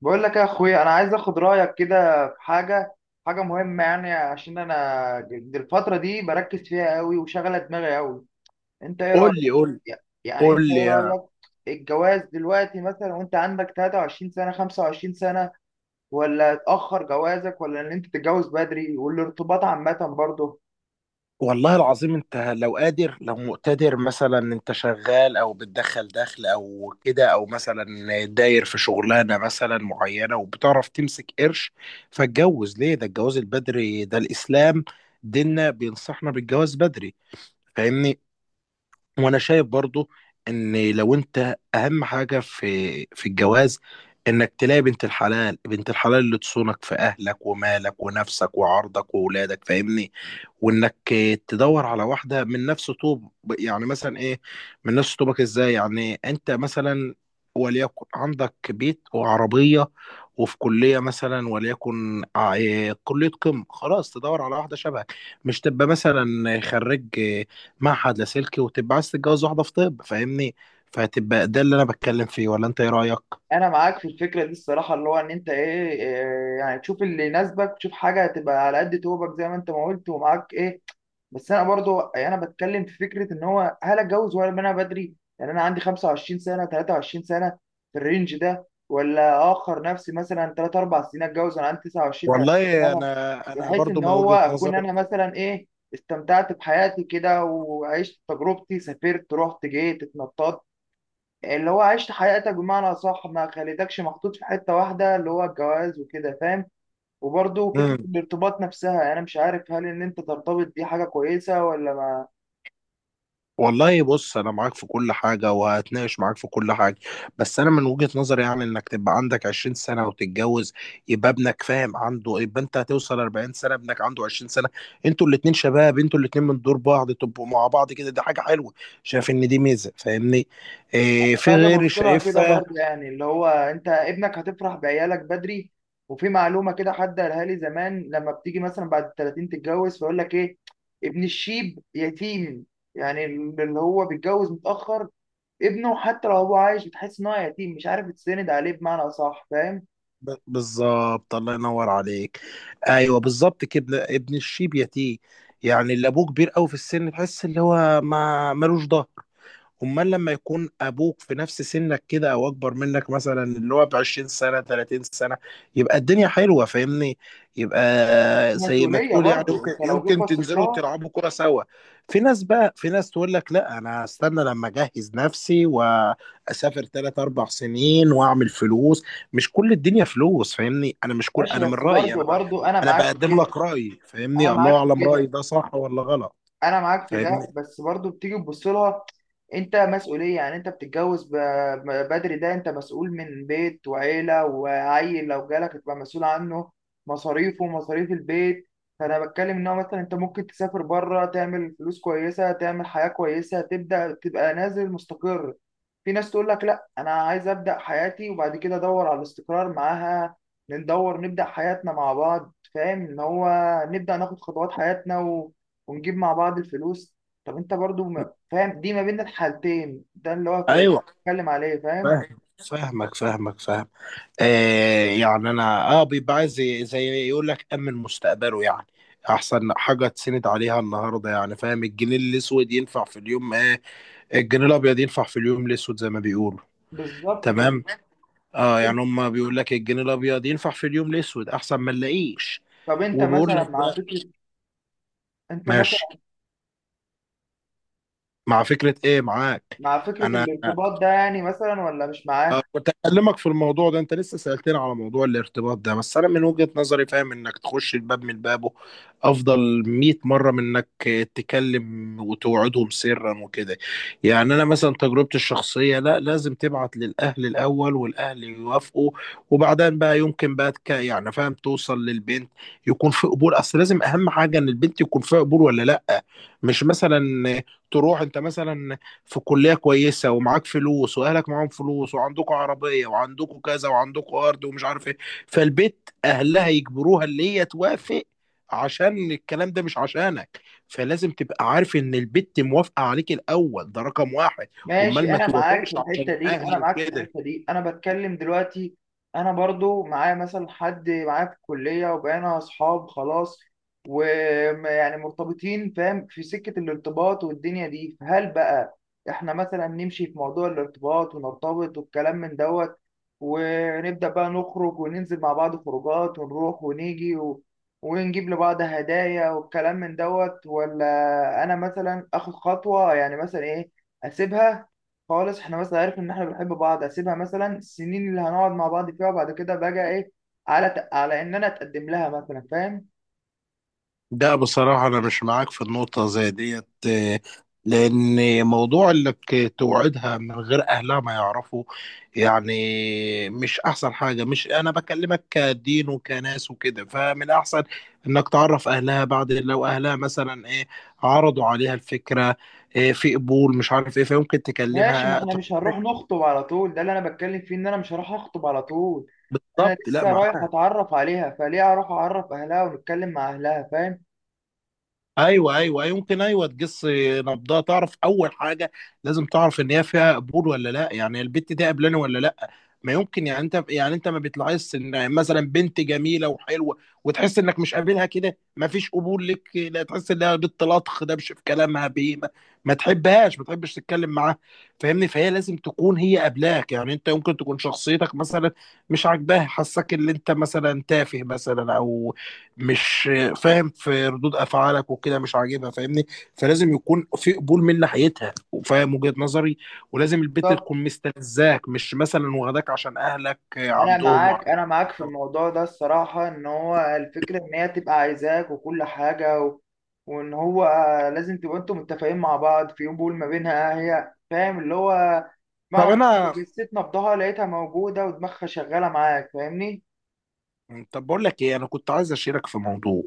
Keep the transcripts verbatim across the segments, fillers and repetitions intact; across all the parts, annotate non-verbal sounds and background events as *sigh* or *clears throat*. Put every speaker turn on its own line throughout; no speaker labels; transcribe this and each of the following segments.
بقول لك يا اخويا، انا عايز اخد رايك كده في حاجه. حاجه مهمه، يعني عشان انا د- الفتره دي بركز فيها قوي وشغله دماغي قوي. انت ايه رايك؟
قول لي قول لي
يع- يعني انت
قول لي
ايه
يا-
رايك؟ الجواز دلوقتي مثلا، وانت عندك ثلاثة وعشرين سنه خمسة وعشرين سنه، ولا تاخر جوازك، ولا ان انت تتجوز بدري والارتباط عامه برضه.
والله العظيم. انت لو قادر، لو مقتدر، مثلا انت شغال او بتدخل دخل او كده، او مثلا داير في شغلانه مثلا معينه وبتعرف تمسك قرش، فاتجوز ليه؟ ده الجواز البدري، ده الاسلام، ديننا بينصحنا بالجواز بدري، فاهمني. وانا شايف برضو ان لو انت اهم حاجه في في الجواز انك تلاقي بنت الحلال، بنت الحلال اللي تصونك في اهلك ومالك ونفسك وعرضك واولادك، فاهمني. وانك تدور على واحده من نفس طوب. يعني مثلا ايه؟ من نفس طوبك ازاي؟ يعني انت مثلا وليكن عندك بيت وعربيه وفي كليه مثلا، وليكن ع- إيه كليه قمه، خلاص تدور على واحده شبهك. مش تبقى مثلا خريج إيه، معهد لاسلكي، وتبقى عايز تتجوز واحده في طب، فاهمني. فهتبقى ده اللي انا بتكلم فيه، ولا انت ايه رايك؟
انا معاك في الفكره دي الصراحه، اللي هو ان انت ايه إيه، يعني تشوف اللي يناسبك، تشوف حاجه تبقى على قد توبك زي ما انت ما قلت ومعاك ايه. بس انا برضو يعني انا بتكلم في فكره ان هو هل اتجوز ولا انا بدري. يعني انا عندي خمسة وعشرين سنه ثلاثة وعشرين سنه في الرينج ده، ولا اخر نفسي مثلا ثلاث اربعة سنين اتجوز وانا عندي تسعه وعشرين ثلاثين
والله
سنه،
انا انا
بحيث
برضو
ان
من
هو
وجهه
اكون انا مثلا ايه، استمتعت بحياتي كده وعشت تجربتي سافرت رحت جيت اتنططت، اللي هو عشت حياتك بمعنى صح ما خليتكش محطوط في حته واحده اللي هو الجواز وكده، فاهم. وبرضه فكرة
نظري.
الارتباط نفسها، يعني أنا مش عارف هل إن أنت ترتبط دي حاجة كويسة ولا ما.
والله بص انا معاك في كل حاجه، وهتناقش معاك في كل حاجه، بس انا من وجهه نظري يعني انك تبقى عندك عشرين سنه وتتجوز، يبقى ابنك فاهم عنده، يبقى انت هتوصل أربعين سنه ابنك عنده عشرين سنه، انتوا الاتنين شباب، انتوا الاتنين من دور بعض، تبقوا مع بعض كده، دي حاجه حلوه. شايف ان دي ميزه، فاهمني. إيه في
باجي
غيري
ابص لها كده
شايفها؟
برضه، يعني اللي هو انت ابنك هتفرح بعيالك بدري. وفي معلومه كده حد قالها لي زمان، لما بتيجي مثلا بعد ال تلاتين تتجوز فيقول لك ايه: ابن الشيب يتيم. يعني اللي هو بيتجوز متاخر ابنه حتى لو هو عايش بتحس ان هو يتيم، مش عارف تسند عليه بمعنى اصح، فاهم.
ب- بالظبط، الله ينور عليك. ايوه بالظبط كده، ابن ابن الشيب يتيه، يعني اللي ابوه كبير قوي في السن تحس اللي هو ما ملوش ظهر. امال لما يكون ابوك في نفس سنك كده، او اكبر منك مثلا اللي هو ب عشرين سنه تلاتين سنه، يبقى الدنيا حلوه، فاهمني. يبقى
في
زي ما
مسؤوليه
تقول يعني،
برضه
يمكن
انت لو جيت
يمكن
بصيت
تنزلوا
لها.
تلعبوا كره سوا. في ناس بقى، في ناس تقول لك لا انا هستنى لما اجهز نفسي واسافر ثلاث اربع سنين واعمل فلوس. مش كل الدنيا فلوس، فاهمني. انا مش كل،
ماشي،
انا من
بس
رايي
برضه
انا،
برضه انا
انا
معاك في
بقدم
كده.
لك رايي، فاهمني،
انا
الله
معاك في
اعلم رايي
كده،
ده صح ولا غلط.
انا معاك في
فاهمني؟
ده، بس برضو بتيجي تبص لها. انت مسؤوليه، يعني انت بتتجوز ب- ب- بدري، ده انت مسؤول من بيت وعيله وعيل لو جالك تبقى مسؤول عنه، مصاريفه ومصاريف البيت. فانا بتكلم ان هو مثلا انت ممكن تسافر بره تعمل فلوس كويسه تعمل حياه كويسه تبدا تبقى نازل مستقر. في ناس تقول لك لا، انا عايز ابدا حياتي وبعد كده ادور على الاستقرار معاها، ندور نبدا حياتنا مع بعض، فاهم ان هو نبدا ناخد خطوات حياتنا ونجيب مع بعض الفلوس. طب انت برضو ما- فاهم دي ما بين الحالتين، ده اللي هو ف-
ايوه
بتكلم عليه، فاهم.
فاهم. فاهمك فاهمك فاهم. آه يعني انا اه بيبقى عايز زي زي يقول لك امن مستقبله، يعني احسن حاجه تسند عليها النهارده، يعني فاهم الجنيه الاسود ينفع في اليوم آه، الجنيه الابيض ينفع في اليوم الاسود زي ما بيقولوا.
بالظبط كده.
تمام. اه
طب
يعني
انت
هم بيقول لك الجنيه الابيض ينفع في اليوم الاسود، احسن ما نلاقيش.
طب انت
وبيقول
مثلا
لك
مع
بقى.
فكرة انت
ماشي.
مثلا
مع فكره ايه معاك؟
مع فكرة
انا
الارتباط ده، يعني مثلا ولا مش
آه،
معاه.
كنت اكلمك في الموضوع ده، انت لسه سألتني على موضوع الارتباط ده. بس انا من وجهة نظري فاهم انك تخش الباب من بابه افضل مية مرة من انك تكلم وتوعدهم سرا وكده. يعني انا مثلا تجربتي الشخصية، لا لازم تبعت للاهل الاول والاهل يوافقوا، وبعدين بقى يمكن بقى تك- يعني فاهم توصل للبنت، يكون في قبول. اصل لازم اهم حاجة ان البنت يكون فيها قبول ولا لا. مش مثلا تروح انت مثلا في كلية كويسة ومعاك فلوس وأهلك معاهم فلوس وعندكوا عربية وعندكوا كذا وعندكوا أرض ومش عارف إيه، فالبيت أهلها يجبروها اللي هي توافق عشان الكلام ده، مش عشانك. فلازم تبقى عارف إن البت موافقة عليك الأول، ده رقم واحد.
ماشي،
أمال ما
انا معاك
توافقش
في
عشان
الحته دي انا
أهلي
معاك في
وكده.
الحته دي انا بتكلم دلوقتي. انا برضو معايا مثلا حد معايا في الكليه وبقينا اصحاب خلاص، ويعني مرتبطين، فاهم في سكه الارتباط والدنيا دي. فهل بقى احنا مثلا نمشي في موضوع الارتباط ونرتبط والكلام من دوت، ونبدا بقى نخرج وننزل مع بعض خروجات ونروح ونيجي و... ونجيب لبعض هدايا والكلام من دوت، ولا انا مثلا اخد خطوه يعني مثلا ايه، اسيبها خالص، احنا بس عارف ان احنا بنحب بعض، اسيبها مثلا السنين اللي هنقعد مع بعض فيها وبعد كده بقى ايه، على على ان انا اتقدم لها مثلا، فاهم.
ده بصراحة أنا مش معاك في النقطة زي ديت، آه، لأن موضوع إنك توعدها من غير أهلها ما يعرفوا يعني مش أحسن حاجة. مش أنا بكلمك كدين وكناس وكده، فمن الأحسن إنك تعرف أهلها بعد. لو أهلها مثلا إيه عرضوا عليها الفكرة، إيه في قبول مش عارف إيه، فيمكن
ماشي، ما
تكلمها.
احنا مش هنروح نخطب على طول، ده اللي انا بتكلم فيه ان انا مش هروح اخطب على طول. انا
بالظبط، لا
لسه رايح
معاك.
اتعرف عليها، فليه اروح اعرف اهلها ونتكلم مع اهلها، فاهم؟
ايوه ايوه أيوة، يمكن ايوه تقص نبضها، تعرف اول حاجه. لازم تعرف ان هي فيها قبول ولا لا، يعني البت دي قبلاني ولا لا. ما يمكن يعني انت، يعني انت ما بتلاحظش ان مثلا بنت جميله وحلوه، وتحس انك مش قابلها كده، ما فيش قبول لك، لا تحس انها بنت لطخ دبش في كلامها بيه، ما, ما تحبهاش، ما تحبش تتكلم معاها، فاهمني. فهي لازم تكون هي قبلاك. يعني انت يمكن تكون شخصيتك مثلا مش عاجباها، حاساك ان انت مثلا تافه مثلا، او مش فاهم في ردود افعالك وكده مش عاجبها، فاهمني. فلازم يكون في قبول من ناحيتها، وفاهم وجهة نظري. ولازم البنت
طب
تكون مستلزاك، مش مثلا واخداك عشان اهلك
انا
عندهم وع...
معاك انا معاك في الموضوع ده الصراحه، ان هو الفكره ان هي تبقى عايزاك وكل حاجه و... وان هو لازم تبقوا انتوا متفقين مع بعض في يوم بول ما بينها هي، فاهم اللي هو
طب
معنى صح.
انا
جسيت نبضها لقيتها موجوده ودماغها شغاله معاك، فاهمني.
طب بقول لك ايه، انا كنت عايز اشيرك في موضوع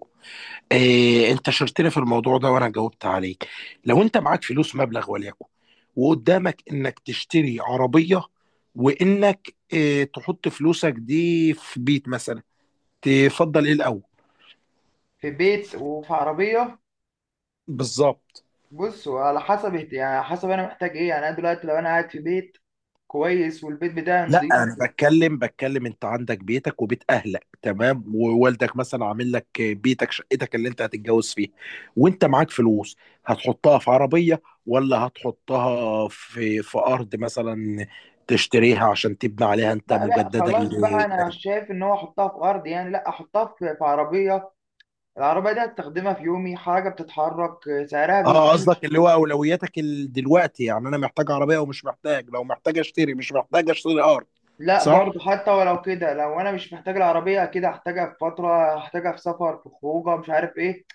إيه. انت شاركتني في الموضوع ده وانا جاوبت عليك. لو انت معاك فلوس مبلغ وليكن، وقدامك انك تشتري عربية، وانك إيه تحط فلوسك دي في بيت مثلا، تفضل ايه الاول؟
في بيت وفي عربيه.
بالظبط.
بص، وعلى حسب اهت- يعني حسب انا محتاج ايه. يعني انا دلوقتي لو انا قاعد في بيت كويس والبيت بتاعي
لا
نضيف.
انا بتكلم بتكلم، انت عندك بيتك وبيت اهلك تمام، ووالدك مثلا عامل لك بيتك شقتك اللي انت هتتجوز فيها، وانت معاك فلوس، هتحطها في عربية ولا هتحطها في في ارض مثلا تشتريها عشان تبني عليها انت
لا لا
مجددا
خلاص بقى،
ل-؟
انا شايف ان هو احطها في ارض يعني، لا احطها في في عربيه. العربية دي هستخدمها في يومي، حاجة بتتحرك، آه، سعرها
اه
بيزيد.
قصدك اللي هو اولوياتك ال- دلوقتي، يعني انا محتاج عربية ومش محتاج. لو محتاج اشتري، مش محتاج اشتري ارض.
لا
صح.
برضه حتى ولو كده، لو أنا مش محتاج العربية كده هحتاجها في فترة، هحتاجها في سفر في خروجة مش عارف إيه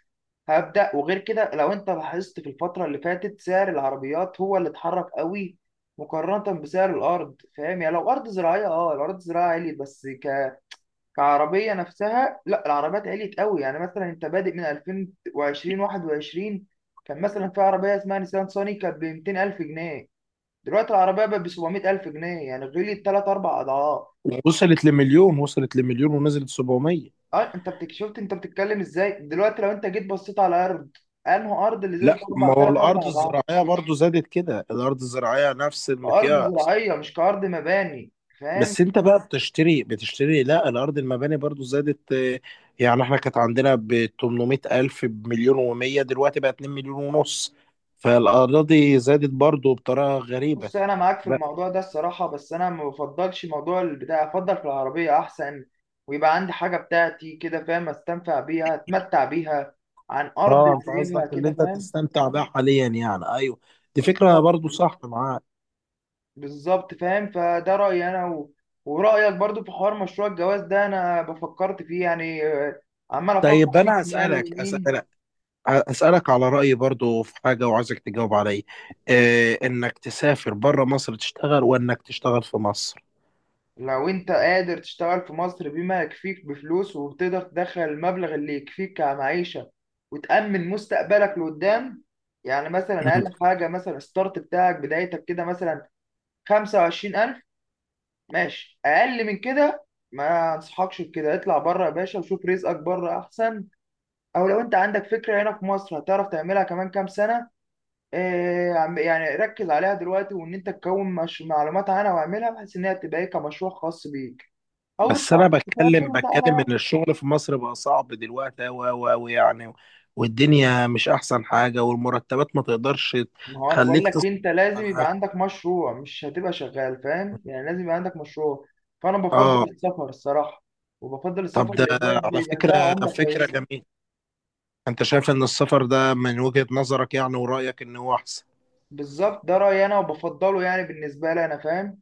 هبدأ، وغير كده لو أنت لاحظت في الفترة اللي فاتت سعر العربيات هو اللي اتحرك قوي مقارنة بسعر الأرض، فاهم؟ يعني لو أرض زراعية، أه الأرض الزراعية عليت، بس ك... كعربية نفسها لا، العربيات عليت قوي. يعني مثلا أنت بادئ من ألفين وعشرين واحد وعشرين، كان مثلا في عربية اسمها نيسان صاني كانت ب ميتين ألف جنيه، دلوقتي العربية بقت ب سبعمية ألف جنيه، يعني غليت تلات أربع أضعاف.
وصلت لمليون، وصلت لمليون ونزلت سبعمية.
أه أنت بتك- شفت أنت بتتكلم إزاي، دلوقتي لو أنت جيت بصيت على أرض أنه أرض اللي
لا
زادت أربع
ما هو
تلات
الارض
أربع أضعاف،
الزراعيه برضو زادت كده، الارض الزراعيه نفس
أرض
المقياس.
زراعية مش كأرض مباني، فاهم.
بس انت بقى بتشتري بتشتري لا. الارض المباني برضو زادت آه، يعني احنا كانت عندنا ب تمنميه الف بمليون وميه، دلوقتي بقى اتنين مليون ونص. فالاراضي زادت برضو بطريقه غريبه
بص، أنا معاك في
بقى.
الموضوع ده الصراحة، بس أنا ما بفضلش موضوع البتاع، أفضل في العربية أحسن ويبقى عندي حاجة بتاعتي كده، فاهم، أستنفع بيها أتمتع بيها عن أرض
اه انت
سايبها
قصدك اللي
كده،
انت
فاهم.
تستمتع بيها حاليا، يعني ايوه دي فكره
بالظبط.
برضو صح معاك.
بالظبط فاهم، فده رأيي أنا و... ورأيك برضو في حوار مشروع الجواز ده، أنا بفكرت فيه يعني، آه، عمال أفكر
طيب
فيه
انا
شمال
اسالك
ويمين.
اسالك أسألك على رأيي برضو في حاجة، وعايزك تجاوب عليا إيه. إنك تسافر بره مصر تشتغل، وإنك تشتغل في مصر.
لو أنت قادر تشتغل في مصر بما يكفيك بفلوس وتقدر تدخل المبلغ اللي يكفيك كمعيشة وتأمن مستقبلك لقدام، يعني مثلا أقل
*clears throat*
حاجة مثلا الستارت بتاعك بدايتك كده، مثلا خمسة وعشرين ألف. ماشي، أقل من كده ما أنصحكش بكده، اطلع بره يا باشا وشوف رزقك بره أحسن. او لو انت عندك فكره هنا في مصر هتعرف تعملها كمان كام سنه، آه، عم- يعني ركز عليها دلوقتي، وان انت تكون مش معلومات عنها واعملها بحيث انها تبقى ايه كمشروع خاص بيك، او
بس
اطلع
أنا
تسافر
بتكلم
وتعالى
بتكلم
يعني.
إن الشغل في مصر بقى صعب دلوقتي أوي أوي أوي، يعني والدنيا مش أحسن حاجة، والمرتبات ما تقدرش
ما هو انا بقول
تخليك
لك
تصرف
انت لازم
على
يبقى
نفسك.
عندك مشروع، مش هتبقى شغال، فاهم، يعني لازم يبقى عندك مشروع. فانا بفضل
آه.
السفر الصراحه، وبفضل
طب
السفر
ده
لبلاد
على
يبقى فيها
فكرة
عمله
فكرة
كويسه.
جميلة. أنت شايف إن السفر ده من وجهة نظرك، يعني ورأيك إن هو أحسن.
بالظبط، ده رايي انا وبفضله، يعني بالنسبه لي انا، فاهم.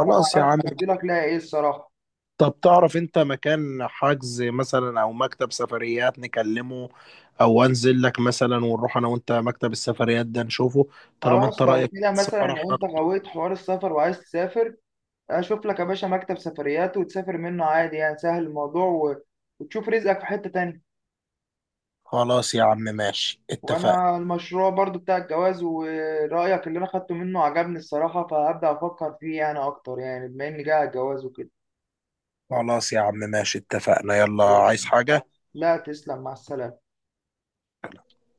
انا ما
يا
اعرفش
عم.
تفضيلك ليها ايه الصراحه.
طب تعرف انت مكان حجز مثلا او مكتب سفريات نكلمه، او انزل لك مثلا ونروح انا وانت مكتب السفريات ده نشوفه طالما انت
خلاص، لو
رأيك
كده مثلا
السفر؟
لو
احنا
انت غويت حوار السفر وعايز تسافر، اشوف لك يا باشا مكتب سفريات وتسافر منه عادي، يعني سهل الموضوع و... وتشوف رزقك في حتة تانية.
خلاص يا عم، ماشي اتفقنا.
وانا المشروع برضو بتاع الجواز ورأيك اللي انا خدته منه عجبني الصراحة، فهبدأ افكر فيه يعني اكتر، يعني بما اني جاي على الجواز وكده.
خلاص يا عم، ماشي اتفقنا. يلا
خلاص
عايز
ماشي.
حاجة؟
لا، تسلم، مع السلامة.